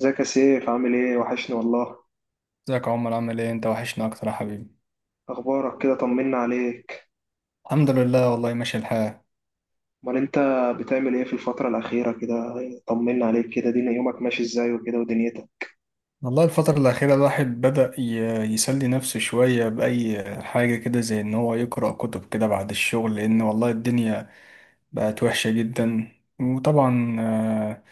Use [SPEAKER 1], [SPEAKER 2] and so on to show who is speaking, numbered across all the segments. [SPEAKER 1] ازيك يا سيف؟ عامل ايه؟ وحشني والله.
[SPEAKER 2] ازيك يا عمر، عامل ايه انت؟ وحشنا اكتر يا حبيبي.
[SPEAKER 1] اخبارك كده؟ طمنا عليك.
[SPEAKER 2] الحمد لله، والله ماشي الحال.
[SPEAKER 1] امال انت بتعمل ايه في الفترة الأخيرة كده؟ طمنا عليك كده، دينا يومك ماشي ازاي وكده ودنيتك.
[SPEAKER 2] والله الفترة الأخيرة الواحد بدأ يسلي نفسه شوية بأي حاجة كده، زي إن هو يقرأ كتب كده بعد الشغل، لأن والله الدنيا بقت وحشة جدا. وطبعا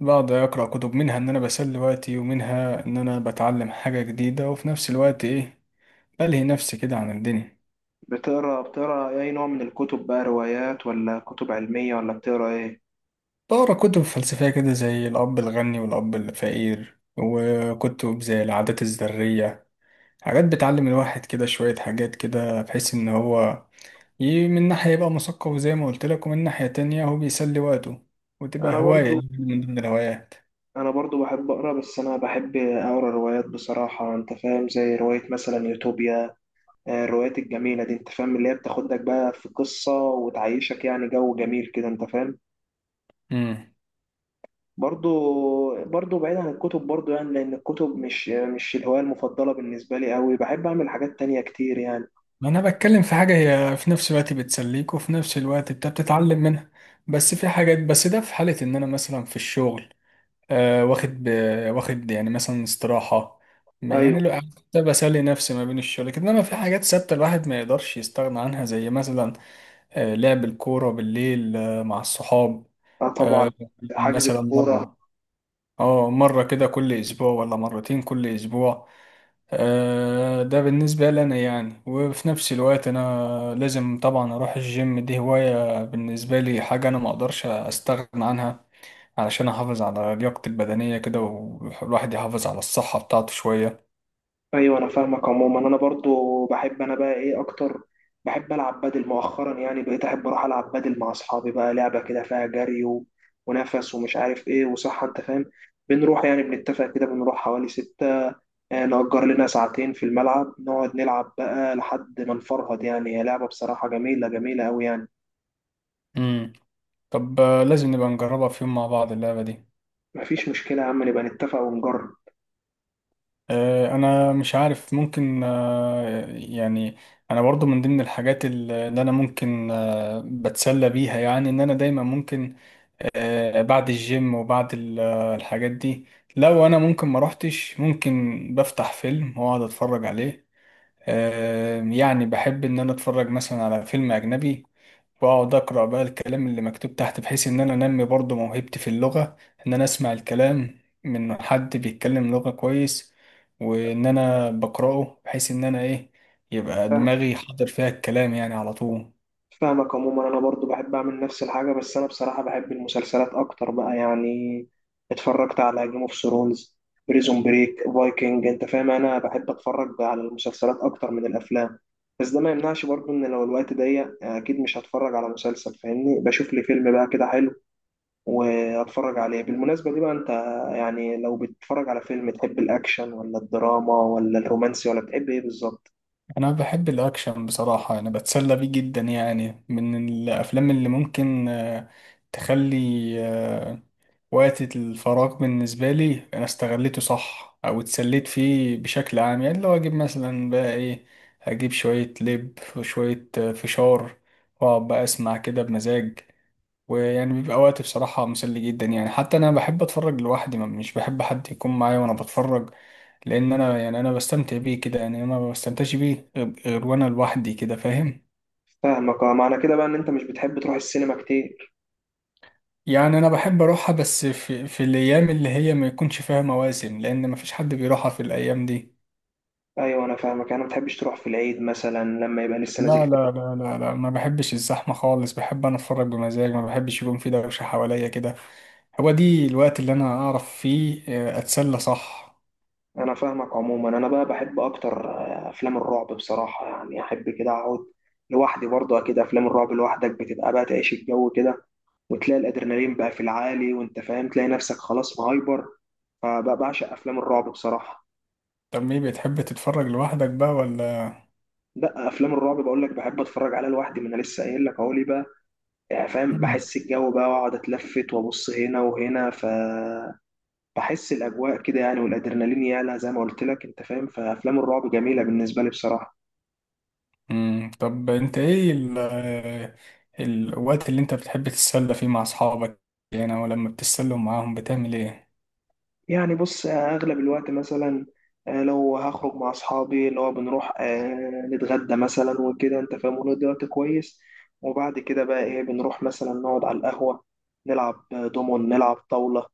[SPEAKER 2] بقعد أقرأ كتب، منها إن أنا بسلي وقتي ومنها إن أنا بتعلم حاجة جديدة، وفي نفس الوقت إيه، بلهي نفسي كده عن الدنيا.
[SPEAKER 1] بتقرا اي نوع من الكتب بقى؟ روايات ولا كتب علمية ولا بتقرا ايه؟
[SPEAKER 2] بقرأ كتب فلسفية كده زي الأب الغني والأب الفقير، وكتب زي العادات الذرية. حاجات بتعلم الواحد كده شوية حاجات، كده بحيث إن هو من ناحية يبقى مثقف زي ما قلت لك، ومن ناحية تانية هو بيسلي وقته، وتبقى
[SPEAKER 1] انا
[SPEAKER 2] هواية
[SPEAKER 1] برضو
[SPEAKER 2] يعني من ضمن الهوايات.
[SPEAKER 1] انا برضو بحب اقرا، بس انا بحب اقرا روايات بصراحة. انت فاهم؟ زي رواية مثلا يوتوبيا. الروايات الجميلة دي انت فاهم، اللي هي بتاخدك بقى في قصة وتعيشك يعني جو جميل كده. انت فاهم؟
[SPEAKER 2] امم.
[SPEAKER 1] برضو بعيد عن الكتب، برضو يعني لأن الكتب مش الهواية المفضلة بالنسبة لي أوي. بحب أعمل حاجات تانية كتير يعني.
[SPEAKER 2] ما أنا بتكلم في حاجة هي في نفس الوقت بتسليك، وفي نفس الوقت أنت بتتعلم منها. بس في حاجات، بس ده في حالة إن أنا مثلا في الشغل آه واخد ب... واخد يعني مثلا استراحة. يعني
[SPEAKER 1] أيوة.
[SPEAKER 2] لو قعدت بسلي نفسي ما بين الشغل كده، إنما في حاجات ثابتة الواحد ما يقدرش يستغنى عنها، زي مثلا لعب الكورة بالليل مع الصحاب.
[SPEAKER 1] آه، طبعا.
[SPEAKER 2] آه،
[SPEAKER 1] حجز
[SPEAKER 2] مثلا
[SPEAKER 1] الكورة.
[SPEAKER 2] مرة كده كل أسبوع، ولا مرتين كل أسبوع. ده بالنسبة لنا يعني. وفي نفس الوقت أنا لازم طبعا أروح الجيم، دي هواية بالنسبة لي، حاجة أنا مقدرش أستغنى عنها علشان أحافظ على لياقتي البدنية كده، والواحد يحافظ على الصحة بتاعته شوية.
[SPEAKER 1] ايوه انا فاهمك. عموما انا برضو بحب، انا بقى ايه اكتر؟ بحب العب بدل مؤخرا، يعني بقيت احب اروح العب بدل مع اصحابي، بقى لعبه كده فيها جري ونفس ومش عارف ايه وصحه. انت فاهم؟ بنروح يعني، بنتفق كده بنروح حوالي 6، نأجر لنا ساعتين في الملعب، نقعد نلعب بقى لحد ما نفرهد. يعني هي لعبه بصراحه جميله جميله قوي يعني.
[SPEAKER 2] مم. طب لازم نبقى نجربها في يوم مع بعض اللعبة دي.
[SPEAKER 1] مفيش مشكله يا عم، نبقى نتفق ونجرب.
[SPEAKER 2] انا مش عارف ممكن يعني، انا برضو من ضمن الحاجات اللي انا ممكن بتسلى بيها، يعني ان انا دايما ممكن بعد الجيم وبعد الحاجات دي. لو انا ممكن ما روحتش، ممكن بفتح فيلم واقعد اتفرج عليه. يعني بحب ان انا اتفرج مثلا على فيلم اجنبي، واقعد اقرا بقى الكلام اللي مكتوب تحت، بحيث ان انا انمي برضو موهبتي في اللغه، ان انا اسمع الكلام من حد بيتكلم لغه كويس، وان انا بقراه بحيث ان انا ايه، يبقى دماغي حاضر فيها الكلام يعني على طول.
[SPEAKER 1] فاهمك. عموما انا برضو بحب اعمل نفس الحاجه، بس انا بصراحه بحب المسلسلات اكتر بقى يعني. اتفرجت على جيم اوف ثرونز، بريزون بريك، فايكنج. انت فاهم؟ انا بحب اتفرج بقى على المسلسلات اكتر من الافلام. بس ده ما يمنعش برضو ان لو الوقت ضيق اكيد مش هتفرج على مسلسل. فاهمني؟ بشوف لي فيلم بقى كده حلو واتفرج عليه. بالمناسبه دي بقى انت، يعني لو بتتفرج على فيلم، تحب الاكشن ولا الدراما ولا الرومانسي ولا بتحب ايه بالظبط؟
[SPEAKER 2] انا بحب الاكشن بصراحه، انا بتسلى بيه جدا، يعني من الافلام اللي ممكن تخلي آه، وقت الفراغ بالنسبة لي أنا استغليته صح، أو اتسليت فيه بشكل عام. يعني لو أجيب مثلا بقى إيه، أجيب شوية لب وشوية فشار، وأقعد بقى أسمع كده بمزاج، ويعني بيبقى وقت بصراحة مسلي جدا. يعني حتى أنا بحب أتفرج لوحدي، ما مش بحب حد يكون معايا وأنا بتفرج، لأن أنا يعني أنا بستمتع بيه كده، يعني أنا ما بستمتعش بيه غير وأنا لوحدي كده، فاهم.
[SPEAKER 1] فاهمك. اه، معنى كده بقى ان انت مش بتحب تروح السينما كتير؟
[SPEAKER 2] يعني انا بحب اروحها، بس في الايام اللي هي ما يكونش فيها مواسم، لان ما فيش حد بيروحها في الايام دي.
[SPEAKER 1] ايوه انا فاهمك. انا ما بتحبش تروح في العيد مثلا لما يبقى لسه
[SPEAKER 2] لا،
[SPEAKER 1] نازل فيلم؟
[SPEAKER 2] لا، لا، لا، لا، ما بحبش الزحمة خالص. بحب أنا أتفرج بمزاج، ما بحبش يكون في دوشة حواليا كده. هو دي الوقت اللي أنا أعرف فيه أتسلى صح.
[SPEAKER 1] انا فاهمك. عموما انا بقى بحب اكتر افلام الرعب بصراحه. يعني احب كده اقعد لوحدي برضه. اكيد افلام الرعب لوحدك بتبقى بقى تعيش الجو كده، وتلاقي الادرينالين بقى في العالي، وانت فاهم تلاقي نفسك خلاص مهايبر. فبقى بعشق افلام الرعب بصراحه.
[SPEAKER 2] طب إيه، بتحب تتفرج لوحدك بقى ولا؟
[SPEAKER 1] لا، افلام الرعب بقول لك بحب اتفرج عليها لوحدي. ما انا لسه قايل لك اهو ليه بقى. يعني فاهم؟
[SPEAKER 2] مم.
[SPEAKER 1] بحس الجو بقى، واقعد اتلفت وابص هنا وهنا. ف بحس الاجواء كده يعني، والادرينالين يعلى زي ما قلت لك. انت فاهم؟ فافلام الرعب جميله بالنسبه لي بصراحه.
[SPEAKER 2] مم. طب أنت إيه الوقت اللي أنت بتحب تتسلى فيه مع أصحابك، يعني أو لما بتتسلوا معاهم بتعمل إيه؟
[SPEAKER 1] يعني بص، اغلب الوقت مثلا، لو هخرج مع اصحابي، اللي هو بنروح نتغدى مثلا وكده. انت فاهم؟ ونقضي وقت كويس، وبعد كده بقى ايه بنروح مثلا نقعد على القهوه، نلعب دومون، نلعب طاوله.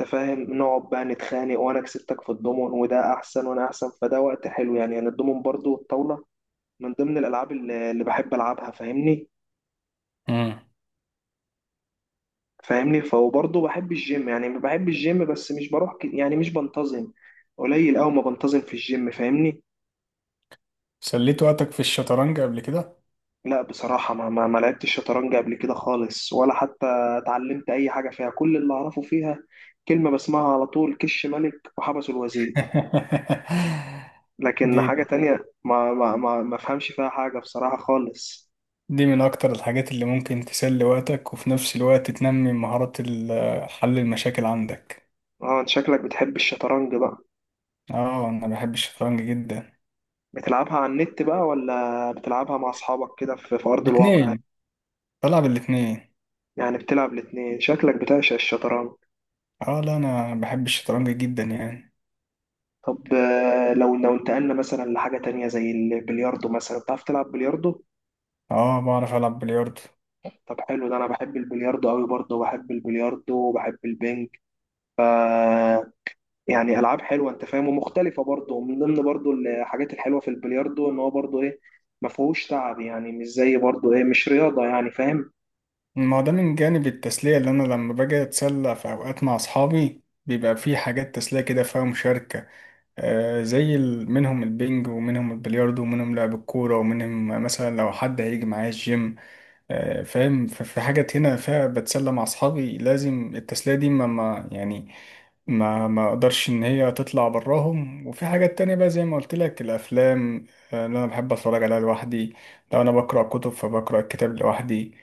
[SPEAKER 1] انت فاهم؟ نقعد بقى نتخانق، وانا كسبتك في الدومون وده احسن وانا احسن. فده وقت حلو يعني. يعني الدومون برضو والطاوله من ضمن الالعاب اللي بحب العبها. فاهمني؟
[SPEAKER 2] مم.
[SPEAKER 1] فاهمني؟ فهو برضه بحب الجيم. يعني بحب الجيم بس مش بروح يعني مش بنتظم. قليل أوي ما بنتظم في الجيم. فاهمني؟
[SPEAKER 2] سليت وقتك في الشطرنج قبل كده؟
[SPEAKER 1] لا بصراحة ما لعبتش شطرنج قبل كده خالص، ولا حتى اتعلمت أي حاجة فيها. كل اللي أعرفه فيها كلمة بسمعها على طول: كش ملك وحبس الوزير. لكن حاجة
[SPEAKER 2] دي
[SPEAKER 1] تانية ما فهمش فيها حاجة بصراحة خالص.
[SPEAKER 2] دي من أكتر الحاجات اللي ممكن تسلي وقتك، وفي نفس الوقت تنمي مهارات حل المشاكل عندك.
[SPEAKER 1] اه، انت شكلك بتحب الشطرنج بقى؟
[SPEAKER 2] اه، أنا بحب الشطرنج جدا.
[SPEAKER 1] بتلعبها على النت بقى، ولا بتلعبها مع أصحابك كده في أرض الواقع؟
[SPEAKER 2] الاتنين. بلعب الاتنين.
[SPEAKER 1] يعني بتلعب الاتنين؟ شكلك بتعشق الشطرنج.
[SPEAKER 2] اه، لا، أنا بحب الشطرنج جدا يعني.
[SPEAKER 1] طب لو انتقلنا مثلا لحاجة تانية زي البلياردو مثلا، بتعرف تلعب بلياردو؟
[SPEAKER 2] اه، بعرف ألعب بلياردو.
[SPEAKER 1] طب حلو. ده أنا بحب البلياردو أوي برضه، وبحب البلياردو وبحب البنج. يعني ألعاب حلوة أنت فاهم، ومختلفة برضه. ومن ضمن برضه الحاجات الحلوة في البلياردو إن هو برضه إيه، ما فيهوش تعب، يعني مش زي برضه إيه، مش رياضة يعني. فاهم؟
[SPEAKER 2] ما هو ده من جانب التسلية، اللي أنا لما باجي أتسلى في أوقات مع أصحابي بيبقى في حاجات تسلية كده فيها مشاركة. زي منهم البنج، ومنهم البلياردو، ومنهم لعب الكورة، ومنهم مثلا لو حد هيجي معايا الجيم. فاهم. في حاجات هنا فيها بتسلى مع اصحابي لازم التسلية دي ما يعني ما اقدرش ان هي تطلع براهم. وفي حاجات تانية بقى، زي ما قلت لك، الافلام اللي انا بحب اتفرج عليها لوحدي. لو انا بقرا كتب فبقرا الكتاب لوحدي.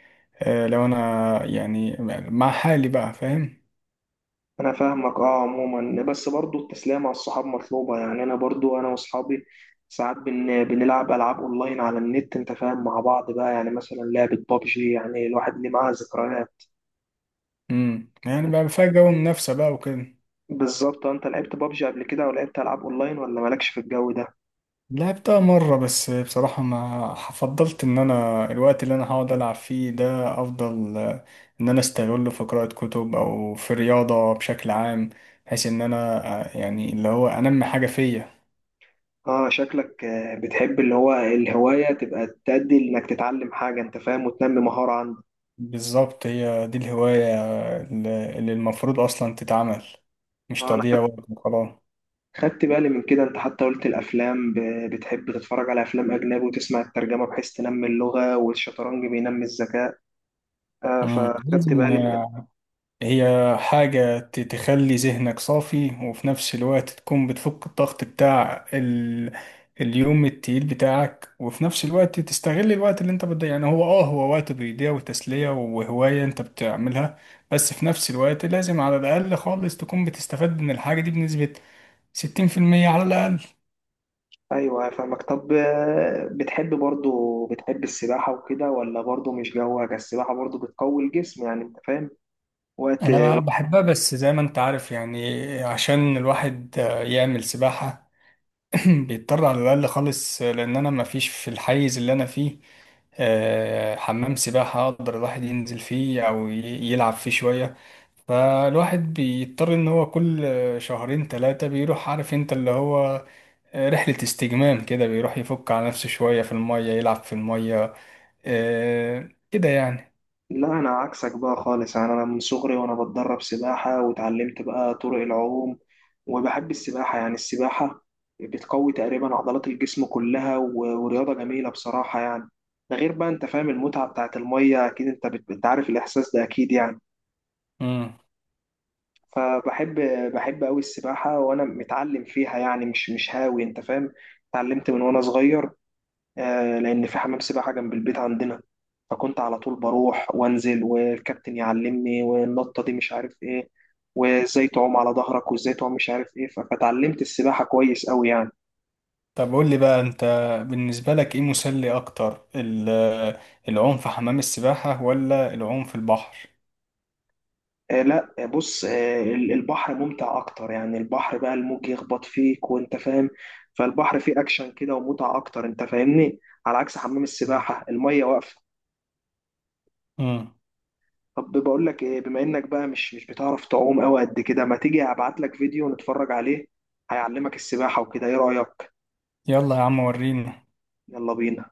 [SPEAKER 2] لو انا يعني مع حالي بقى، فاهم.
[SPEAKER 1] انا فاهمك. اه، عموما بس برضو التسلية مع الصحاب مطلوبة يعني. انا برضو انا واصحابي ساعات بنلعب العاب اونلاين على النت، انت فاهم، مع بعض بقى. يعني مثلا لعبة بابجي، يعني الواحد ليه معاها ذكريات.
[SPEAKER 2] يعني بقى فيها جو منافسة بقى وكده.
[SPEAKER 1] بالظبط. انت لعبت بابجي قبل كده، او لعبت العاب اونلاين، ولا مالكش في الجو ده؟
[SPEAKER 2] لعبتها مرة، بس بصراحة ما فضلت. إن أنا الوقت اللي أنا هقعد ألعب فيه ده، أفضل إن أنا أستغله في قراءة كتب أو في رياضة بشكل عام، بحيث إن أنا يعني اللي هو أنمي حاجة فيا.
[SPEAKER 1] اه، شكلك بتحب اللي هو الهواية تبقى تأدي انك تتعلم حاجة، انت فاهم، وتنمي مهارة عندك.
[SPEAKER 2] بالظبط، هي دي الهواية اللي المفروض أصلا تتعمل، مش
[SPEAKER 1] اه انا
[SPEAKER 2] تضييع وقت وخلاص.
[SPEAKER 1] خدت بالي من كده. انت حتى قلت الافلام بتحب تتفرج على افلام اجنبي وتسمع الترجمه بحيث تنمي اللغه، والشطرنج بينمي الذكاء.
[SPEAKER 2] مم. لازم،
[SPEAKER 1] فخدت بالي من.
[SPEAKER 2] هي حاجة تخلي ذهنك صافي، وفي نفس الوقت تكون بتفك الضغط بتاع اليوم التقيل بتاعك، وفي نفس الوقت تستغل الوقت اللي انت بتضيع. يعني هو وقت بيضيع، وتسلية وهواية انت بتعملها. بس في نفس الوقت لازم على الأقل خالص تكون بتستفاد من الحاجة دي بنسبة 60% على الأقل.
[SPEAKER 1] ايوه فاهمك. طب بتحب برضو، بتحب السباحه وكده، ولا برضو مش جوك؟ السباحه برضو بتقوي الجسم يعني. انت فاهم؟ وقت.
[SPEAKER 2] أنا بحبها، بس زي ما أنت عارف، يعني عشان الواحد يعمل سباحة بيضطر على الأقل خالص، لأن أنا مفيش في الحيز اللي أنا فيه حمام سباحة أقدر الواحد ينزل فيه أو يلعب فيه شوية. فالواحد بيضطر إن هو كل شهرين تلاتة بيروح، عارف أنت، اللي هو رحلة استجمام كده، بيروح يفك على نفسه شوية في المية، يلعب في المية كده يعني.
[SPEAKER 1] لا، انا عكسك بقى خالص. يعني انا من صغري وانا بتدرب سباحه، واتعلمت بقى طرق العوم. وبحب السباحه. يعني السباحه بتقوي تقريبا عضلات الجسم كلها، ورياضه جميله بصراحه يعني. ده غير بقى انت فاهم المتعه بتاعت الميه. اكيد انت انت عارف الاحساس ده اكيد يعني.
[SPEAKER 2] مم.
[SPEAKER 1] فبحب بحب قوي السباحه. وانا متعلم فيها يعني، مش هاوي. انت فاهم؟ اتعلمت من وانا صغير، لأن في حمام سباحة جنب البيت عندنا. فكنت على طول بروح وانزل، والكابتن يعلمني والنطة دي مش عارف ايه، وازاي تعوم على ظهرك، وازاي تعوم مش عارف ايه. فتعلمت السباحة كويس قوي يعني.
[SPEAKER 2] طب قول لي بقى أنت، بالنسبة لك إيه مسلي أكتر، العوم في حمام السباحة ولا العوم في البحر؟
[SPEAKER 1] لا، بص، البحر ممتع اكتر. يعني البحر بقى الموج يخبط فيك، وانت فاهم. فالبحر فيه اكشن كده ومتعة اكتر. انت فاهمني؟ على عكس حمام السباحة المية واقفة.
[SPEAKER 2] مم.
[SPEAKER 1] طب بقول لك ايه، بما انك بقى مش بتعرف تعوم قوي قد كده، ما تيجي ابعت لك فيديو نتفرج عليه، هيعلمك السباحة وكده، ايه رأيك؟
[SPEAKER 2] يلا يا عم وريني.
[SPEAKER 1] يلا بينا.